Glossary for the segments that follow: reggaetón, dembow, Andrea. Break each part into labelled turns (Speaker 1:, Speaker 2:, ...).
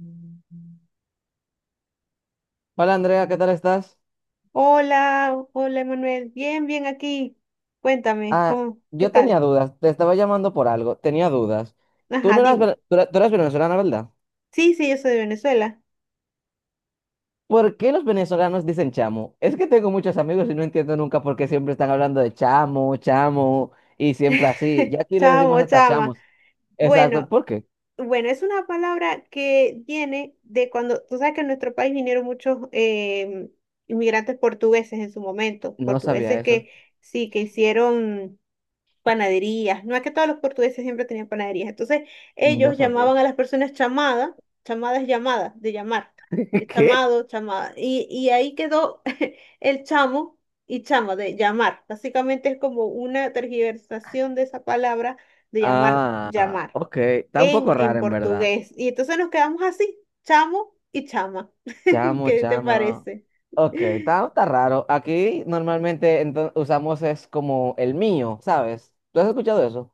Speaker 1: Mm.
Speaker 2: Hola Andrea, ¿qué tal estás?
Speaker 1: Hola, hola Emanuel, bien, bien aquí. Cuéntame,
Speaker 2: Ah,
Speaker 1: qué
Speaker 2: yo
Speaker 1: tal?
Speaker 2: tenía dudas, te estaba llamando por algo, tenía dudas. Tú
Speaker 1: Ajá,
Speaker 2: no eras,
Speaker 1: dime.
Speaker 2: tú eras venezolana, ¿verdad?
Speaker 1: Sí, sí, yo soy de Venezuela.
Speaker 2: ¿Por qué los venezolanos dicen chamo? Es que tengo muchos amigos y no entiendo nunca por qué siempre están hablando de chamo, chamo y siempre así. Ya aquí le decimos
Speaker 1: Chamo,
Speaker 2: hasta
Speaker 1: chama.
Speaker 2: chamos. Exacto,
Speaker 1: Bueno,
Speaker 2: ¿por qué?
Speaker 1: bueno, es una palabra que viene de cuando, tú sabes que en nuestro país vinieron muchos inmigrantes portugueses en su momento,
Speaker 2: No sabía
Speaker 1: portugueses
Speaker 2: eso,
Speaker 1: que sí, que hicieron panaderías. No es que todos los portugueses siempre tenían panaderías. Entonces,
Speaker 2: no
Speaker 1: ellos
Speaker 2: sabía.
Speaker 1: llamaban a las personas chamada, chamada es llamada, de llamar, de
Speaker 2: ¿Qué?
Speaker 1: chamado, chamada. Y ahí quedó el chamo y chama, de llamar. Básicamente es como una tergiversación de esa palabra de llamar,
Speaker 2: Ah,
Speaker 1: llamar,
Speaker 2: ok, está un
Speaker 1: en,
Speaker 2: poco
Speaker 1: en
Speaker 2: raro en verdad.
Speaker 1: portugués. Y entonces nos quedamos así, chamo y chama.
Speaker 2: Chamo,
Speaker 1: ¿Qué te
Speaker 2: chama.
Speaker 1: parece?
Speaker 2: Ok, está raro. Aquí normalmente usamos es como el mío, ¿sabes? ¿Tú has escuchado eso?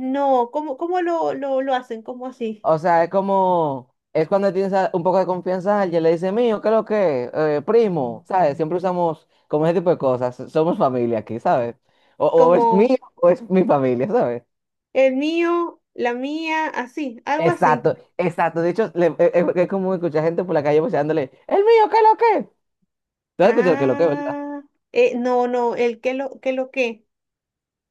Speaker 1: No, ¿cómo lo hacen? ¿Cómo así?
Speaker 2: O sea, es como, es cuando tienes un poco de confianza a alguien, le dice mío, ¿qué es lo que? Primo, ¿sabes? Siempre usamos como ese tipo de cosas. Somos familia aquí, ¿sabes? O es
Speaker 1: Como...
Speaker 2: mío o es mi familia, ¿sabes?
Speaker 1: El mío, la mía, así, algo así.
Speaker 2: Exacto, exacto. De hecho, es como escuchar gente por la calle voceándole, el mío, ¿qué es lo que? ¿Tú has escuchado el qué es lo que, verdad?
Speaker 1: Ah, no, no, el que lo, que lo que.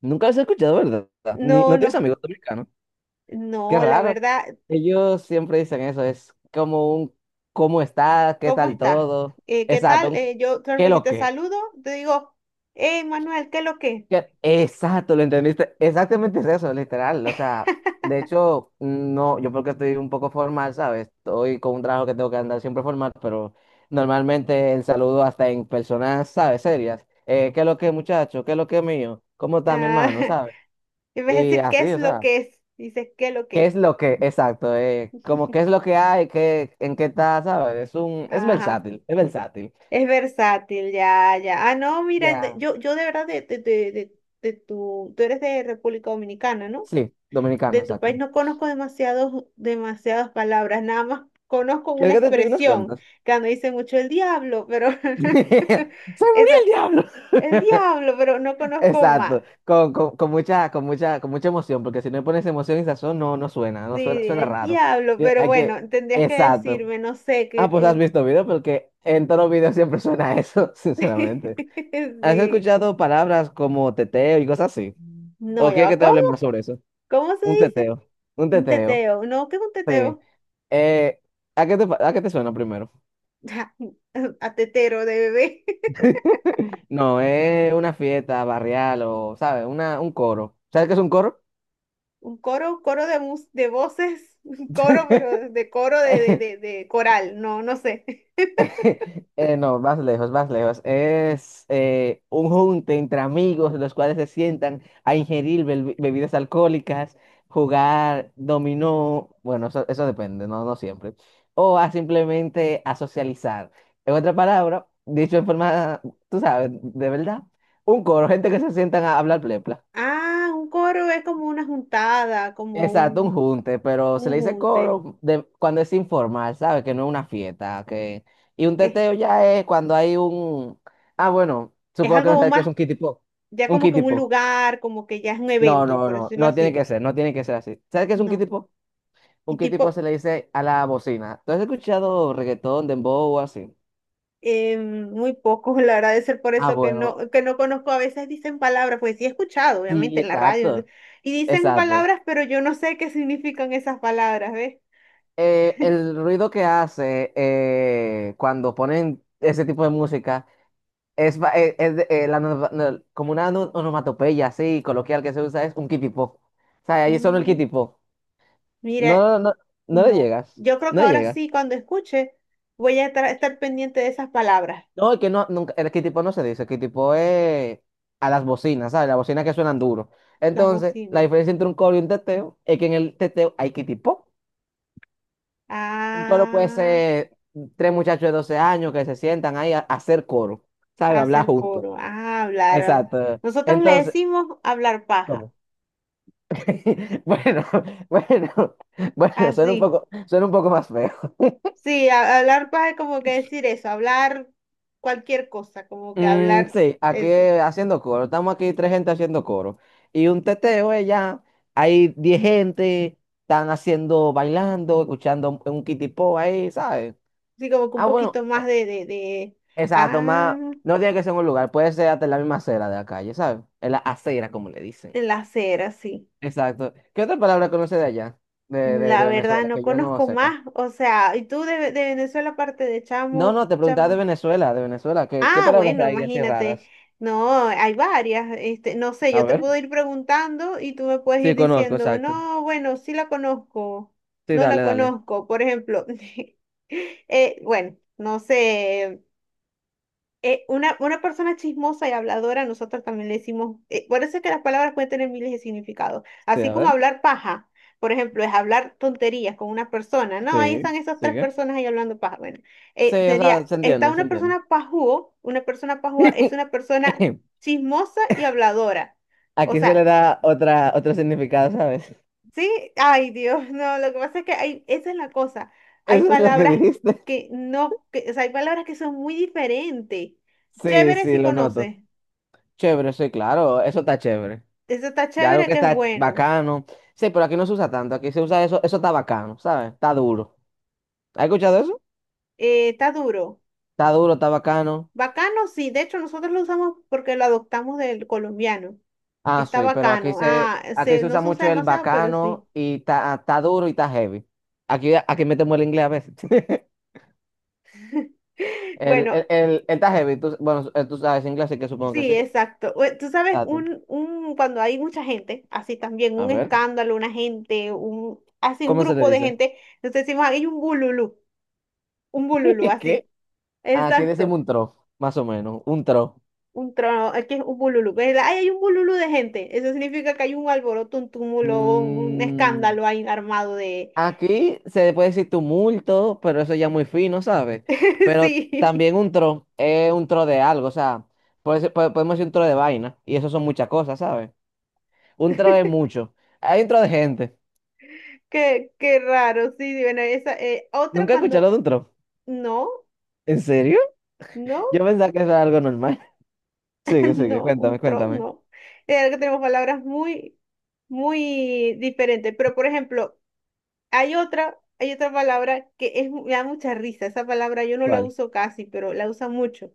Speaker 2: Nunca lo has escuchado, ¿verdad? Ni,
Speaker 1: No,
Speaker 2: ¿no
Speaker 1: no,
Speaker 2: tienes amigos dominicanos? Qué
Speaker 1: no, la
Speaker 2: raro.
Speaker 1: verdad,
Speaker 2: Ellos siempre dicen eso, es como un ¿cómo está? ¿Qué
Speaker 1: ¿cómo
Speaker 2: tal
Speaker 1: estás?
Speaker 2: todo?
Speaker 1: ¿Qué
Speaker 2: Exacto,
Speaker 1: tal?
Speaker 2: un,
Speaker 1: Yo, claro,
Speaker 2: ¿qué
Speaker 1: que si
Speaker 2: lo
Speaker 1: te
Speaker 2: que?
Speaker 1: saludo, te digo, hey, Manuel, ¿qué lo que?
Speaker 2: ¿Qué? Exacto, lo entendiste. Exactamente es eso, literal. O sea, de hecho, no, yo porque estoy un poco formal, ¿sabes? Estoy con un trabajo que tengo que andar siempre formal, pero normalmente el saludo hasta en personas, ¿sabes? Serias. ¿Qué lo que, muchacho? ¿Qué lo que, mío? ¿Cómo está mi
Speaker 1: Ah,
Speaker 2: hermano? ¿Sabes?
Speaker 1: en vez de
Speaker 2: Y
Speaker 1: decir qué
Speaker 2: así,
Speaker 1: es
Speaker 2: o
Speaker 1: lo
Speaker 2: sea.
Speaker 1: que es, dices qué lo
Speaker 2: ¿Qué
Speaker 1: que.
Speaker 2: es lo que, exacto, como qué es lo que hay, qué, en qué está, ¿sabes? Es un, es
Speaker 1: Ajá,
Speaker 2: versátil, es versátil.
Speaker 1: es versátil, ya, ya. Ah, no, mira,
Speaker 2: Ya.
Speaker 1: yo de verdad, tú eres de República Dominicana, ¿no?
Speaker 2: Sí,
Speaker 1: De
Speaker 2: dominicano,
Speaker 1: tu país
Speaker 2: exacto.
Speaker 1: no conozco demasiadas palabras, nada más conozco una
Speaker 2: ¿Quieres que te explique unas
Speaker 1: expresión
Speaker 2: cuantas?
Speaker 1: que me dice mucho el diablo, pero
Speaker 2: ¡Se murió el
Speaker 1: esa,
Speaker 2: diablo!
Speaker 1: el diablo, pero no conozco
Speaker 2: Exacto,
Speaker 1: más.
Speaker 2: con mucha, con mucha, con mucha emoción, porque si no le pones emoción y sazón, no, no suena,
Speaker 1: Sí,
Speaker 2: no suena, suena
Speaker 1: el
Speaker 2: raro.
Speaker 1: diablo, pero
Speaker 2: Hay
Speaker 1: bueno,
Speaker 2: que,
Speaker 1: tendrías que
Speaker 2: exacto.
Speaker 1: decirme, no sé,
Speaker 2: Ah,
Speaker 1: que,
Speaker 2: pues has
Speaker 1: que...
Speaker 2: visto video, porque en todos los videos siempre suena eso, sinceramente. ¿Has
Speaker 1: Sí.
Speaker 2: escuchado palabras como teteo y cosas así?
Speaker 1: No,
Speaker 2: ¿O
Speaker 1: ya
Speaker 2: quieres
Speaker 1: va,
Speaker 2: que te
Speaker 1: ¿cómo?
Speaker 2: hable más sobre eso?
Speaker 1: ¿Cómo se
Speaker 2: Un
Speaker 1: dice?
Speaker 2: teteo, un
Speaker 1: Un
Speaker 2: teteo,
Speaker 1: teteo, no, ¿qué es un
Speaker 2: sí.
Speaker 1: teteo?
Speaker 2: Eh, ¿A qué te, a qué te suena primero?
Speaker 1: A tetero de bebé.
Speaker 2: No, es una fiesta barrial o, ¿sabes? Una, un coro. ¿Sabes qué es un coro?
Speaker 1: Un coro, de voces, un coro, pero de coro de, de, de, de coral, no, no sé.
Speaker 2: No, más lejos, más lejos. Es un junte entre amigos, los cuales se sientan a ingerir bebidas alcohólicas, jugar dominó, bueno, eso depende, no, no siempre, o a simplemente a socializar. En otra palabra, dicho en forma, tú sabes, de verdad, un coro, gente que se sientan a hablar plepla.
Speaker 1: Ah, un coro es como una juntada, como
Speaker 2: Exacto, un
Speaker 1: un,
Speaker 2: junte, pero se
Speaker 1: un
Speaker 2: le dice
Speaker 1: junte.
Speaker 2: coro cuando es informal, ¿sabes? Que no es una fiesta, que... Y un
Speaker 1: Es,
Speaker 2: teteo ya es cuando hay un... Ah, bueno,
Speaker 1: es
Speaker 2: supongo que no
Speaker 1: algo
Speaker 2: sabes qué es
Speaker 1: más,
Speaker 2: un kitty pop.
Speaker 1: ya
Speaker 2: Un
Speaker 1: como que
Speaker 2: kitty
Speaker 1: un
Speaker 2: pop.
Speaker 1: lugar, como que ya es un
Speaker 2: No,
Speaker 1: evento,
Speaker 2: no,
Speaker 1: por
Speaker 2: no,
Speaker 1: decirlo
Speaker 2: no tiene que
Speaker 1: así.
Speaker 2: ser, no tiene que ser así. ¿Sabes qué es un kitty
Speaker 1: No.
Speaker 2: pop?
Speaker 1: Y
Speaker 2: Un kitty pop se
Speaker 1: tipo,
Speaker 2: le dice a la bocina. ¿Tú has escuchado reggaetón, dembow o así?
Speaker 1: muy poco, la verdad, de ser por
Speaker 2: Ah,
Speaker 1: eso
Speaker 2: bueno,
Speaker 1: que no conozco. A veces dicen palabras, pues sí he escuchado, obviamente,
Speaker 2: sí,
Speaker 1: en la radio.
Speaker 2: exacto,
Speaker 1: Y dicen
Speaker 2: exacto.
Speaker 1: palabras, pero yo no sé qué significan esas palabras, ¿ves?
Speaker 2: El ruido que hace cuando ponen ese tipo de música es, es la como una onomatopeya así coloquial que se usa, es un kitipo. O sea, ahí solo el
Speaker 1: Mm,
Speaker 2: kitipo.
Speaker 1: Mira,
Speaker 2: No, no, no le
Speaker 1: no,
Speaker 2: llegas.
Speaker 1: yo creo que
Speaker 2: No le
Speaker 1: ahora
Speaker 2: llegas.
Speaker 1: sí, cuando escuche, voy a estar pendiente de esas palabras,
Speaker 2: No, es que no, nunca, el kitipo no se dice. El kitipo es a las bocinas, ¿sabes? Las bocinas que suenan duro.
Speaker 1: las
Speaker 2: Entonces, la
Speaker 1: bocinas.
Speaker 2: diferencia entre un coro y un teteo es que en el teteo hay kitipo. Un coro puede
Speaker 1: Ah,
Speaker 2: ser tres muchachos de 12 años que se sientan ahí a hacer coro, ¿sabes? Hablar
Speaker 1: hacer
Speaker 2: juntos.
Speaker 1: coro, ah, hablar.
Speaker 2: Exacto.
Speaker 1: Nosotros le
Speaker 2: Entonces,
Speaker 1: decimos hablar paja,
Speaker 2: ¿cómo? Bueno, bueno, bueno,
Speaker 1: así.
Speaker 2: suena un poco más feo.
Speaker 1: Sí, hablar paja es como que decir eso, hablar cualquier cosa, como que
Speaker 2: Mm,
Speaker 1: hablar
Speaker 2: sí, aquí
Speaker 1: eso.
Speaker 2: haciendo coro. Estamos aquí tres gente haciendo coro. Y un teteo es ya, hay diez gente, están haciendo, bailando, escuchando un kitipo ahí, ¿sabes?
Speaker 1: Sí, como que un
Speaker 2: Ah, bueno,
Speaker 1: poquito más de,
Speaker 2: exacto, más,
Speaker 1: ah,
Speaker 2: no tiene que ser en un lugar, puede ser hasta en la misma acera de la calle, ¿sabes? En la acera, como le dicen.
Speaker 1: el hacer, sí.
Speaker 2: Exacto. ¿Qué otra palabra conoce de allá,
Speaker 1: La
Speaker 2: de
Speaker 1: verdad,
Speaker 2: Venezuela,
Speaker 1: no
Speaker 2: que yo no
Speaker 1: conozco
Speaker 2: sepa?
Speaker 1: más. O sea, y tú de Venezuela, aparte de
Speaker 2: No,
Speaker 1: chamo,
Speaker 2: no, te preguntaba de
Speaker 1: chama?
Speaker 2: Venezuela, de Venezuela. ¿Qué
Speaker 1: Ah,
Speaker 2: palabras
Speaker 1: bueno,
Speaker 2: hay así
Speaker 1: imagínate.
Speaker 2: raras?
Speaker 1: No, hay varias. Este, no sé,
Speaker 2: A
Speaker 1: yo te
Speaker 2: ver.
Speaker 1: puedo ir preguntando y tú me puedes ir
Speaker 2: Sí, conozco,
Speaker 1: diciendo,
Speaker 2: exacto.
Speaker 1: no, bueno, sí la conozco,
Speaker 2: Sí,
Speaker 1: no la
Speaker 2: dale, dale.
Speaker 1: conozco. Por ejemplo, bueno, no sé una persona chismosa y habladora, nosotros también le decimos, por eso es que las palabras pueden tener miles de significados,
Speaker 2: Sí,
Speaker 1: así
Speaker 2: a
Speaker 1: como
Speaker 2: ver.
Speaker 1: hablar paja, por ejemplo, es hablar tonterías con una persona, no, ahí
Speaker 2: Sí,
Speaker 1: están esas tres
Speaker 2: sigue.
Speaker 1: personas ahí hablando paja, bueno,
Speaker 2: Sí, o
Speaker 1: sería,
Speaker 2: sea, se
Speaker 1: está
Speaker 2: entiende, se
Speaker 1: una
Speaker 2: entiende.
Speaker 1: persona pajúo, una persona pajúa es una persona chismosa y habladora, o
Speaker 2: Aquí se le
Speaker 1: sea,
Speaker 2: da otra, otro significado, ¿sabes?
Speaker 1: sí, ay Dios, no, lo que pasa es que hay, esa es la cosa, hay
Speaker 2: Eso es lo que
Speaker 1: palabras
Speaker 2: dijiste.
Speaker 1: que no, que, o sea, hay palabras que son muy diferentes,
Speaker 2: Sí,
Speaker 1: chévere
Speaker 2: sí,
Speaker 1: si
Speaker 2: lo noto.
Speaker 1: conoces.
Speaker 2: Chévere, sí, claro, eso está chévere.
Speaker 1: Ese está
Speaker 2: Ya algo
Speaker 1: chévere
Speaker 2: que
Speaker 1: que es
Speaker 2: está
Speaker 1: bueno.
Speaker 2: bacano. Sí, pero aquí no se usa tanto, aquí se usa eso, eso está bacano, ¿sabes? Está duro. ¿Has escuchado eso?
Speaker 1: Está duro.
Speaker 2: Está duro, está bacano.
Speaker 1: Bacano, sí. De hecho, nosotros lo usamos porque lo adoptamos del colombiano.
Speaker 2: Ah,
Speaker 1: Está
Speaker 2: sí, pero
Speaker 1: bacano. Ah,
Speaker 2: aquí se
Speaker 1: no
Speaker 2: usa
Speaker 1: se usa
Speaker 2: mucho el
Speaker 1: demasiado, pero sí.
Speaker 2: bacano y está duro y está heavy. Aquí, aquí metemos el inglés a veces.
Speaker 1: Bueno,
Speaker 2: El ta heavy, bueno, tú sabes inglés, así que supongo que
Speaker 1: sí,
Speaker 2: sí.
Speaker 1: exacto. Tú sabes,
Speaker 2: Tato.
Speaker 1: cuando hay mucha gente, así también,
Speaker 2: A
Speaker 1: un
Speaker 2: ver,
Speaker 1: escándalo, una gente, un, así un
Speaker 2: ¿cómo se le
Speaker 1: grupo de
Speaker 2: dice?
Speaker 1: gente, entonces decimos, hay un bululú, así.
Speaker 2: ¿Qué? Aquí
Speaker 1: Exacto.
Speaker 2: decimos un trof, más o menos, un trof.
Speaker 1: Un trono, aquí es un bululú. Pues, ay, hay un bululú de gente. Eso significa que hay un alboroto, un túmulo, un
Speaker 2: Mm,
Speaker 1: escándalo ahí armado de.
Speaker 2: aquí se puede decir tumulto, pero eso ya muy fino, ¿sabes? Pero
Speaker 1: Sí,
Speaker 2: también un tro es un tro de algo, o sea, podemos decir un tro de vaina, y eso son muchas cosas, ¿sabes? Un tro es mucho. Hay un tro de gente.
Speaker 1: qué raro. Sí, bueno, esa, otra
Speaker 2: Nunca he escuchado
Speaker 1: cuando...
Speaker 2: de un tro.
Speaker 1: No,
Speaker 2: ¿En serio?
Speaker 1: no,
Speaker 2: Yo pensaba que eso era algo normal. Sigue, sigue,
Speaker 1: no,
Speaker 2: cuéntame,
Speaker 1: un trono,
Speaker 2: cuéntame.
Speaker 1: no. Que tenemos palabras muy, muy diferentes. Pero, por ejemplo, hay otra palabra que es, me da mucha risa. Esa palabra yo no la
Speaker 2: ¿Cuál?
Speaker 1: uso casi, pero la usa mucho.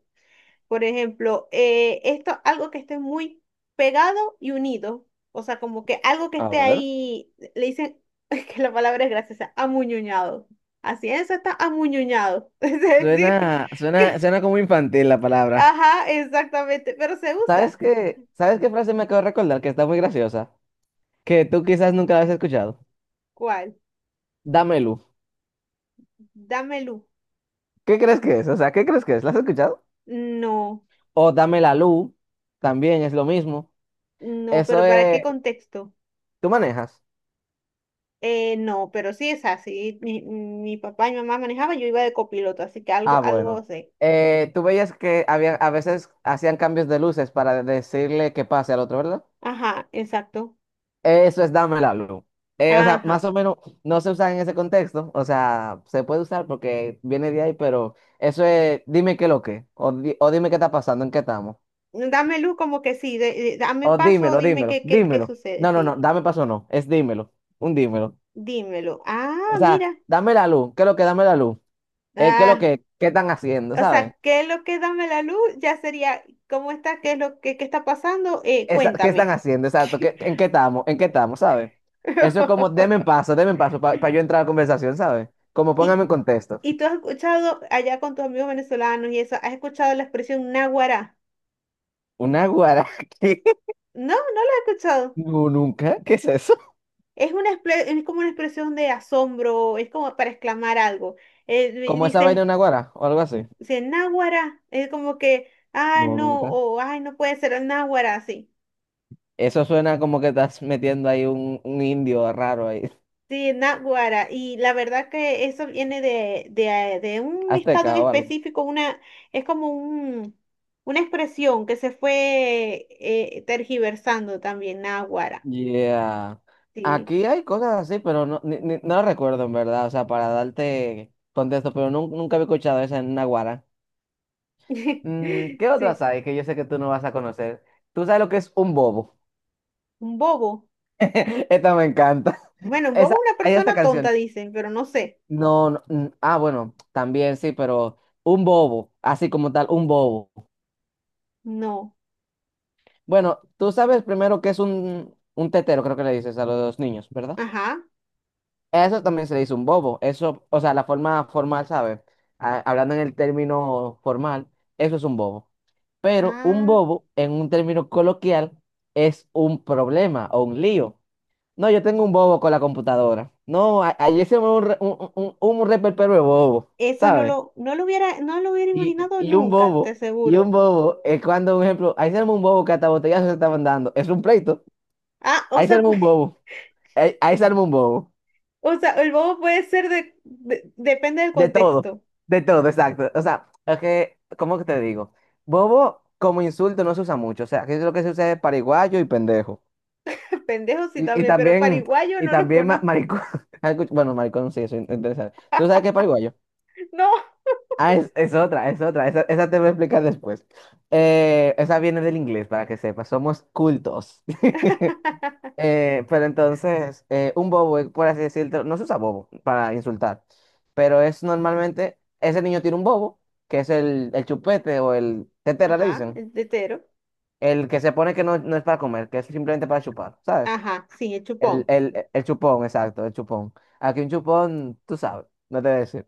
Speaker 1: Por ejemplo, esto, algo que esté muy pegado y unido. O sea, como que algo que
Speaker 2: A
Speaker 1: esté
Speaker 2: ver.
Speaker 1: ahí, le dicen que la palabra es graciosa, amuñuñado. Así es, está amuñuñado. Es decir,
Speaker 2: Suena, suena,
Speaker 1: que,
Speaker 2: suena como infantil la palabra.
Speaker 1: ajá, exactamente, pero se usa.
Speaker 2: ¿Sabes qué? ¿Sabes qué frase me acabo de recordar que está muy graciosa? Que tú quizás nunca la has escuchado.
Speaker 1: ¿Cuál?
Speaker 2: Dame luz.
Speaker 1: Dame luz.
Speaker 2: ¿Qué crees que es? O sea, ¿qué crees que es? ¿La has escuchado?
Speaker 1: No,
Speaker 2: O dame la luz. También es lo mismo.
Speaker 1: no, pero
Speaker 2: Eso
Speaker 1: ¿para qué
Speaker 2: es.
Speaker 1: contexto?
Speaker 2: ¿Tú manejas?
Speaker 1: No, pero sí es así. Mi papá y mi mamá manejaban, yo iba de copiloto, así que
Speaker 2: Ah,
Speaker 1: algo, algo
Speaker 2: bueno.
Speaker 1: sé.
Speaker 2: Tú veías que había, a veces hacían cambios de luces para decirle que pase al otro, ¿verdad?
Speaker 1: Ajá, exacto.
Speaker 2: Eso es dame la luz. O sea,
Speaker 1: Ajá.
Speaker 2: más o menos no se usa en ese contexto. O sea, se puede usar porque viene de ahí, pero eso es dime qué lo que. O, o dime qué está pasando, en qué estamos.
Speaker 1: Dame luz como que sí, dame
Speaker 2: O
Speaker 1: paso,
Speaker 2: dímelo,
Speaker 1: dime
Speaker 2: dímelo,
Speaker 1: qué
Speaker 2: dímelo.
Speaker 1: sucede,
Speaker 2: No, no, no,
Speaker 1: sí,
Speaker 2: dame paso, no. Es dímelo, un dímelo.
Speaker 1: dímelo.
Speaker 2: O
Speaker 1: Ah, mira,
Speaker 2: sea, dame la luz. ¿Qué es lo que? Dame la luz. ¿Qué es lo
Speaker 1: ah,
Speaker 2: que? ¿Qué están haciendo?
Speaker 1: o
Speaker 2: ¿Sabes?
Speaker 1: sea, ¿qué es lo que dame la luz? Ya sería, ¿cómo está? ¿Qué es lo que qué está pasando? Eh,
Speaker 2: ¿Qué están
Speaker 1: cuéntame.
Speaker 2: haciendo? Exacto, ¿en qué estamos? ¿En qué estamos? ¿Sabes? Eso es como, denme en paso para yo entrar a la conversación, ¿sabes? Como póngame
Speaker 1: Y,
Speaker 2: en contexto.
Speaker 1: y tú has escuchado allá con tus amigos venezolanos y eso, ¿has escuchado la expresión náguara?
Speaker 2: ¿Una guara? ¿Qué?
Speaker 1: No, no la he escuchado.
Speaker 2: No, nunca. ¿Qué es eso?
Speaker 1: Es una es como una expresión de asombro, es como para exclamar algo. Eh, di-
Speaker 2: ¿Como esa vaina
Speaker 1: dices,
Speaker 2: de una guara o algo así?
Speaker 1: si es náguara, es como que, ah,
Speaker 2: No,
Speaker 1: no,
Speaker 2: nunca.
Speaker 1: o ay, no puede ser náguara, sí.
Speaker 2: Eso suena como que estás metiendo ahí un indio raro ahí,
Speaker 1: Sí, náguara. Y la verdad que eso viene de un estado en
Speaker 2: azteca o algo.
Speaker 1: específico, es como una expresión que se fue tergiversando también, náguara.
Speaker 2: Yeah.
Speaker 1: Sí.
Speaker 2: Aquí hay cosas así, pero no, no recuerdo en verdad, o sea, para darte contexto, pero nunca había escuchado esa en una guara. Mm, ¿qué
Speaker 1: Sí.
Speaker 2: otras hay que yo sé que tú no vas a conocer? ¿Tú sabes lo que es un bobo?
Speaker 1: Un bobo.
Speaker 2: Esta me encanta.
Speaker 1: Bueno, un bobo
Speaker 2: Esa,
Speaker 1: es una
Speaker 2: hay esta
Speaker 1: persona tonta,
Speaker 2: canción.
Speaker 1: dicen, pero no sé.
Speaker 2: No, no, mm, ah, bueno, también sí, pero un bobo, así como tal, un bobo.
Speaker 1: No.
Speaker 2: Bueno, tú sabes primero que es un tetero, creo que le dices a los niños, ¿verdad?
Speaker 1: Ajá.
Speaker 2: Eso también se le dice un bobo. Eso, o sea, la forma formal, ¿sabes? Ah, hablando en el término formal, eso es un bobo. Pero un
Speaker 1: Ah,
Speaker 2: bobo, en un término coloquial, es un problema o un lío. No, yo tengo un bobo con la computadora. No, ayer se me un, un reperpero de bobo,
Speaker 1: eso no
Speaker 2: ¿sabes?
Speaker 1: lo, no lo hubiera, no lo hubiera
Speaker 2: Y,
Speaker 1: imaginado
Speaker 2: y y un
Speaker 1: nunca, te
Speaker 2: bobo, y un
Speaker 1: aseguro.
Speaker 2: bobo, es cuando, por ejemplo, ahí se arma un bobo que hasta botellazos se estaban dando. Es un pleito.
Speaker 1: Ah, o
Speaker 2: Ahí se
Speaker 1: sea,
Speaker 2: arma un
Speaker 1: pues,
Speaker 2: bobo. Ahí se arma un bobo.
Speaker 1: o sea, el bobo puede ser, depende del
Speaker 2: De todo.
Speaker 1: contexto.
Speaker 2: De todo, exacto. O sea, es que, ¿cómo que te digo? Bobo como insulto no se usa mucho. O sea, que es lo que se usa es pariguayo y pendejo.
Speaker 1: Pendejo sí
Speaker 2: Y, y
Speaker 1: también, pero
Speaker 2: también,
Speaker 1: pariguayo
Speaker 2: y
Speaker 1: no los
Speaker 2: también
Speaker 1: conozco.
Speaker 2: maricón. Bueno, maricón sí, eso es interesante. ¿Tú sabes qué es pariguayo?
Speaker 1: No.
Speaker 2: Ah, es otra, es otra. Esa te voy a explicar después. Esa viene del inglés, para que sepas. Somos cultos. Pero entonces, un bobo, por así decirlo, no se usa bobo para insultar, pero es normalmente, ese niño tiene un bobo, que es el chupete o el tetera, le
Speaker 1: Ajá,
Speaker 2: dicen.
Speaker 1: el tetero.
Speaker 2: El que se pone que no, no es para comer, que es simplemente para chupar, ¿sabes?
Speaker 1: Ajá, sí, el chupón.
Speaker 2: El chupón, exacto, el chupón. Aquí un chupón, tú sabes, no te voy a decir.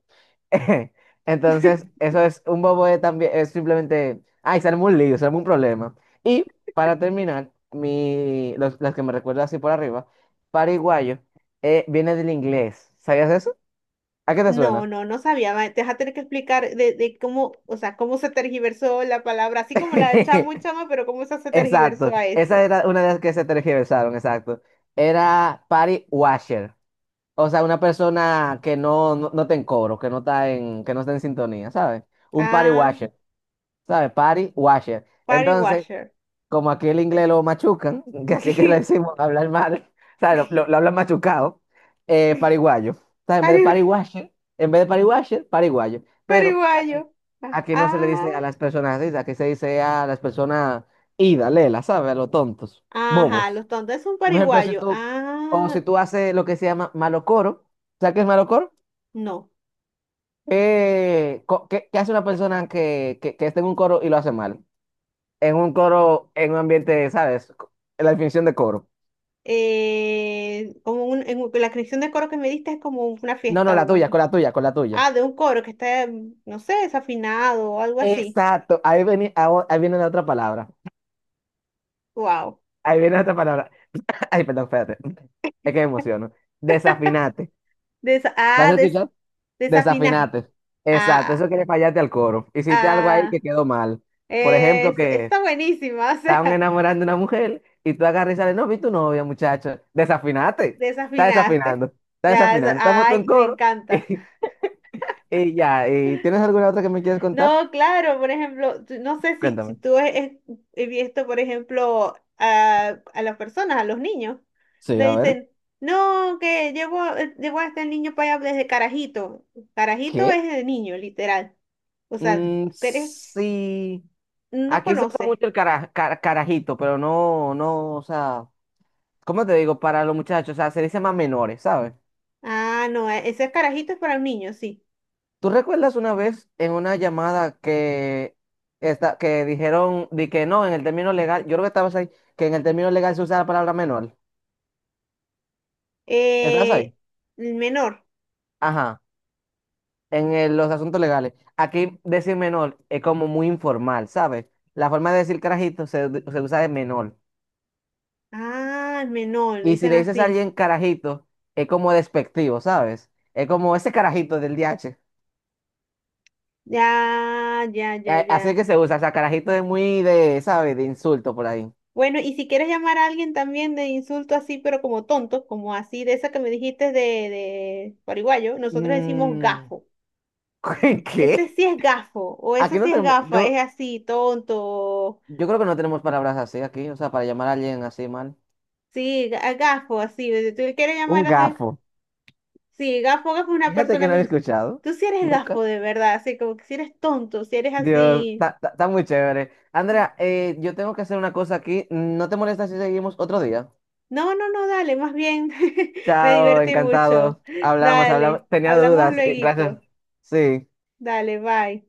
Speaker 2: Entonces, eso es un bobo de también, es simplemente, ay, se armó un lío, se armó un problema. Y para terminar, mi, los, las que me recuerdo así por arriba, pariguayo, viene del inglés. ¿Sabías eso? ¿A qué te
Speaker 1: No,
Speaker 2: suena?
Speaker 1: no, no sabía. Te vas a tener que explicar de cómo, o sea, cómo se tergiversó la palabra, así como la de chamo y chama, pero cómo esa se tergiversó
Speaker 2: Exacto,
Speaker 1: a eso.
Speaker 2: esa era una de las que se tergiversaron, exacto. Era party washer. O sea, una persona que no, no, no está en coro, que no está en, que no está en sintonía, ¿sabes? Un party
Speaker 1: Ah,
Speaker 2: washer, ¿sabes? Party washer. Entonces,
Speaker 1: pariguayer.
Speaker 2: como aquí el inglés lo machucan, que así que le decimos hablar mal, ¿sabes? Lo hablan machucado, pariguayo. ¿Sabes? En vez de
Speaker 1: Parigu-
Speaker 2: party washer, en vez de party washer, pariguayo. Pero
Speaker 1: Pariguayo.
Speaker 2: aquí,
Speaker 1: Ah,
Speaker 2: aquí no se le dice a
Speaker 1: ah,
Speaker 2: las personas así, aquí se dice a las personas ida, lela, ¿sabes? A los tontos,
Speaker 1: ajá,
Speaker 2: bobos.
Speaker 1: los tontos es un
Speaker 2: Un ejemplo, si
Speaker 1: pariguayo.
Speaker 2: tú, o
Speaker 1: Ah,
Speaker 2: si tú haces lo que se llama malocoro, ¿sabes qué es malocoro?
Speaker 1: no.
Speaker 2: ¿Qué hace una persona que está en un coro y lo hace mal? En un coro, en un ambiente, ¿sabes? La definición de coro.
Speaker 1: Como un, en un- la canción de coro que me diste es como una
Speaker 2: No, no,
Speaker 1: fiesta,
Speaker 2: la tuya, con
Speaker 1: un,
Speaker 2: la tuya, con la tuya.
Speaker 1: ah, de un coro que está, no sé, desafinado o algo así.
Speaker 2: Exacto, ahí viene, ahí viene la otra palabra.
Speaker 1: Wow.
Speaker 2: Ahí viene la otra palabra. Ay, perdón, espérate. Es que me emociono. Desafinate.
Speaker 1: Desa-
Speaker 2: ¿La has
Speaker 1: ah, des-
Speaker 2: escuchado?
Speaker 1: desafinaste.
Speaker 2: Desafinate. Exacto, eso
Speaker 1: Ah,
Speaker 2: quiere fallarte al coro. Hiciste algo ahí que
Speaker 1: ah,
Speaker 2: quedó mal. Por ejemplo,
Speaker 1: es,
Speaker 2: que
Speaker 1: está buenísima, o
Speaker 2: estaban
Speaker 1: sea,
Speaker 2: enamorando a una mujer y tú agarras y sales, no, vi tu novia, muchacho, desafinate,
Speaker 1: desafinaste.
Speaker 2: está
Speaker 1: Ya,
Speaker 2: desafinando, estamos en
Speaker 1: ay, me
Speaker 2: coro.
Speaker 1: encanta.
Speaker 2: Y, ya, y ¿tienes alguna otra que me quieras contar?
Speaker 1: No, claro, por ejemplo, no sé si
Speaker 2: Cuéntame.
Speaker 1: tú he visto, por ejemplo, a las personas, a los niños,
Speaker 2: Sí,
Speaker 1: le
Speaker 2: a ver.
Speaker 1: dicen, no, que llevo a este niño para allá desde carajito. Carajito
Speaker 2: ¿Qué?
Speaker 1: es el niño, literal. O sea,
Speaker 2: Mm,
Speaker 1: eres,
Speaker 2: sí,
Speaker 1: no
Speaker 2: aquí se usa
Speaker 1: conoces.
Speaker 2: mucho el carajito, pero no, no, o sea, ¿cómo te digo? Para los muchachos, o sea, se dice más menores, ¿sabes?
Speaker 1: Ah, no, ese carajito es para un niño, sí.
Speaker 2: ¿Tú recuerdas una vez en una llamada que, esta, que dijeron di que no, en el término legal, yo creo que estabas ahí, que en el término legal se usa la palabra menor? ¿Estás
Speaker 1: Eh,
Speaker 2: ahí?
Speaker 1: el menor.
Speaker 2: Ajá, en los asuntos legales. Aquí decir menor es como muy informal, ¿sabes? La forma de decir carajito se usa de menor.
Speaker 1: Ah, el menor,
Speaker 2: Y si
Speaker 1: dicen
Speaker 2: le dices a
Speaker 1: así.
Speaker 2: alguien carajito, es como despectivo, ¿sabes? Es como ese carajito del DH.
Speaker 1: Ya, ya, ya,
Speaker 2: Así
Speaker 1: ya.
Speaker 2: que se usa, o sea, carajito es muy de, ¿sabes? De insulto por ahí.
Speaker 1: Bueno, y si quieres llamar a alguien también de insulto así, pero como tonto, como así de esa que me dijiste de paraguayo, nosotros decimos
Speaker 2: Mm,
Speaker 1: gafo. Ese
Speaker 2: ¿Qué?
Speaker 1: sí es gafo, o esa
Speaker 2: Aquí no
Speaker 1: sí es
Speaker 2: tenemos,
Speaker 1: gafa,
Speaker 2: yo,
Speaker 1: es así, tonto.
Speaker 2: yo creo que no tenemos palabras así aquí, o sea, para llamar a alguien así mal.
Speaker 1: Sí, gafo, así. Si tú quieres
Speaker 2: Un
Speaker 1: llamar a alguien,
Speaker 2: gafo.
Speaker 1: sí, gafo, gafo es una
Speaker 2: Fíjate que
Speaker 1: persona.
Speaker 2: no lo he escuchado.
Speaker 1: Tú sí eres gafo
Speaker 2: Nunca.
Speaker 1: de verdad, así como que si eres tonto, si eres
Speaker 2: Dios,
Speaker 1: así.
Speaker 2: está muy chévere. Andrea, yo tengo que hacer una cosa aquí. ¿No te molesta si seguimos otro día?
Speaker 1: No, no, no, dale, más bien. Me
Speaker 2: Chao,
Speaker 1: divertí mucho.
Speaker 2: encantado. Hablamos,
Speaker 1: Dale,
Speaker 2: hablamos. Tenía
Speaker 1: hablamos
Speaker 2: dudas. Gracias.
Speaker 1: lueguito.
Speaker 2: Sí.
Speaker 1: Dale, bye.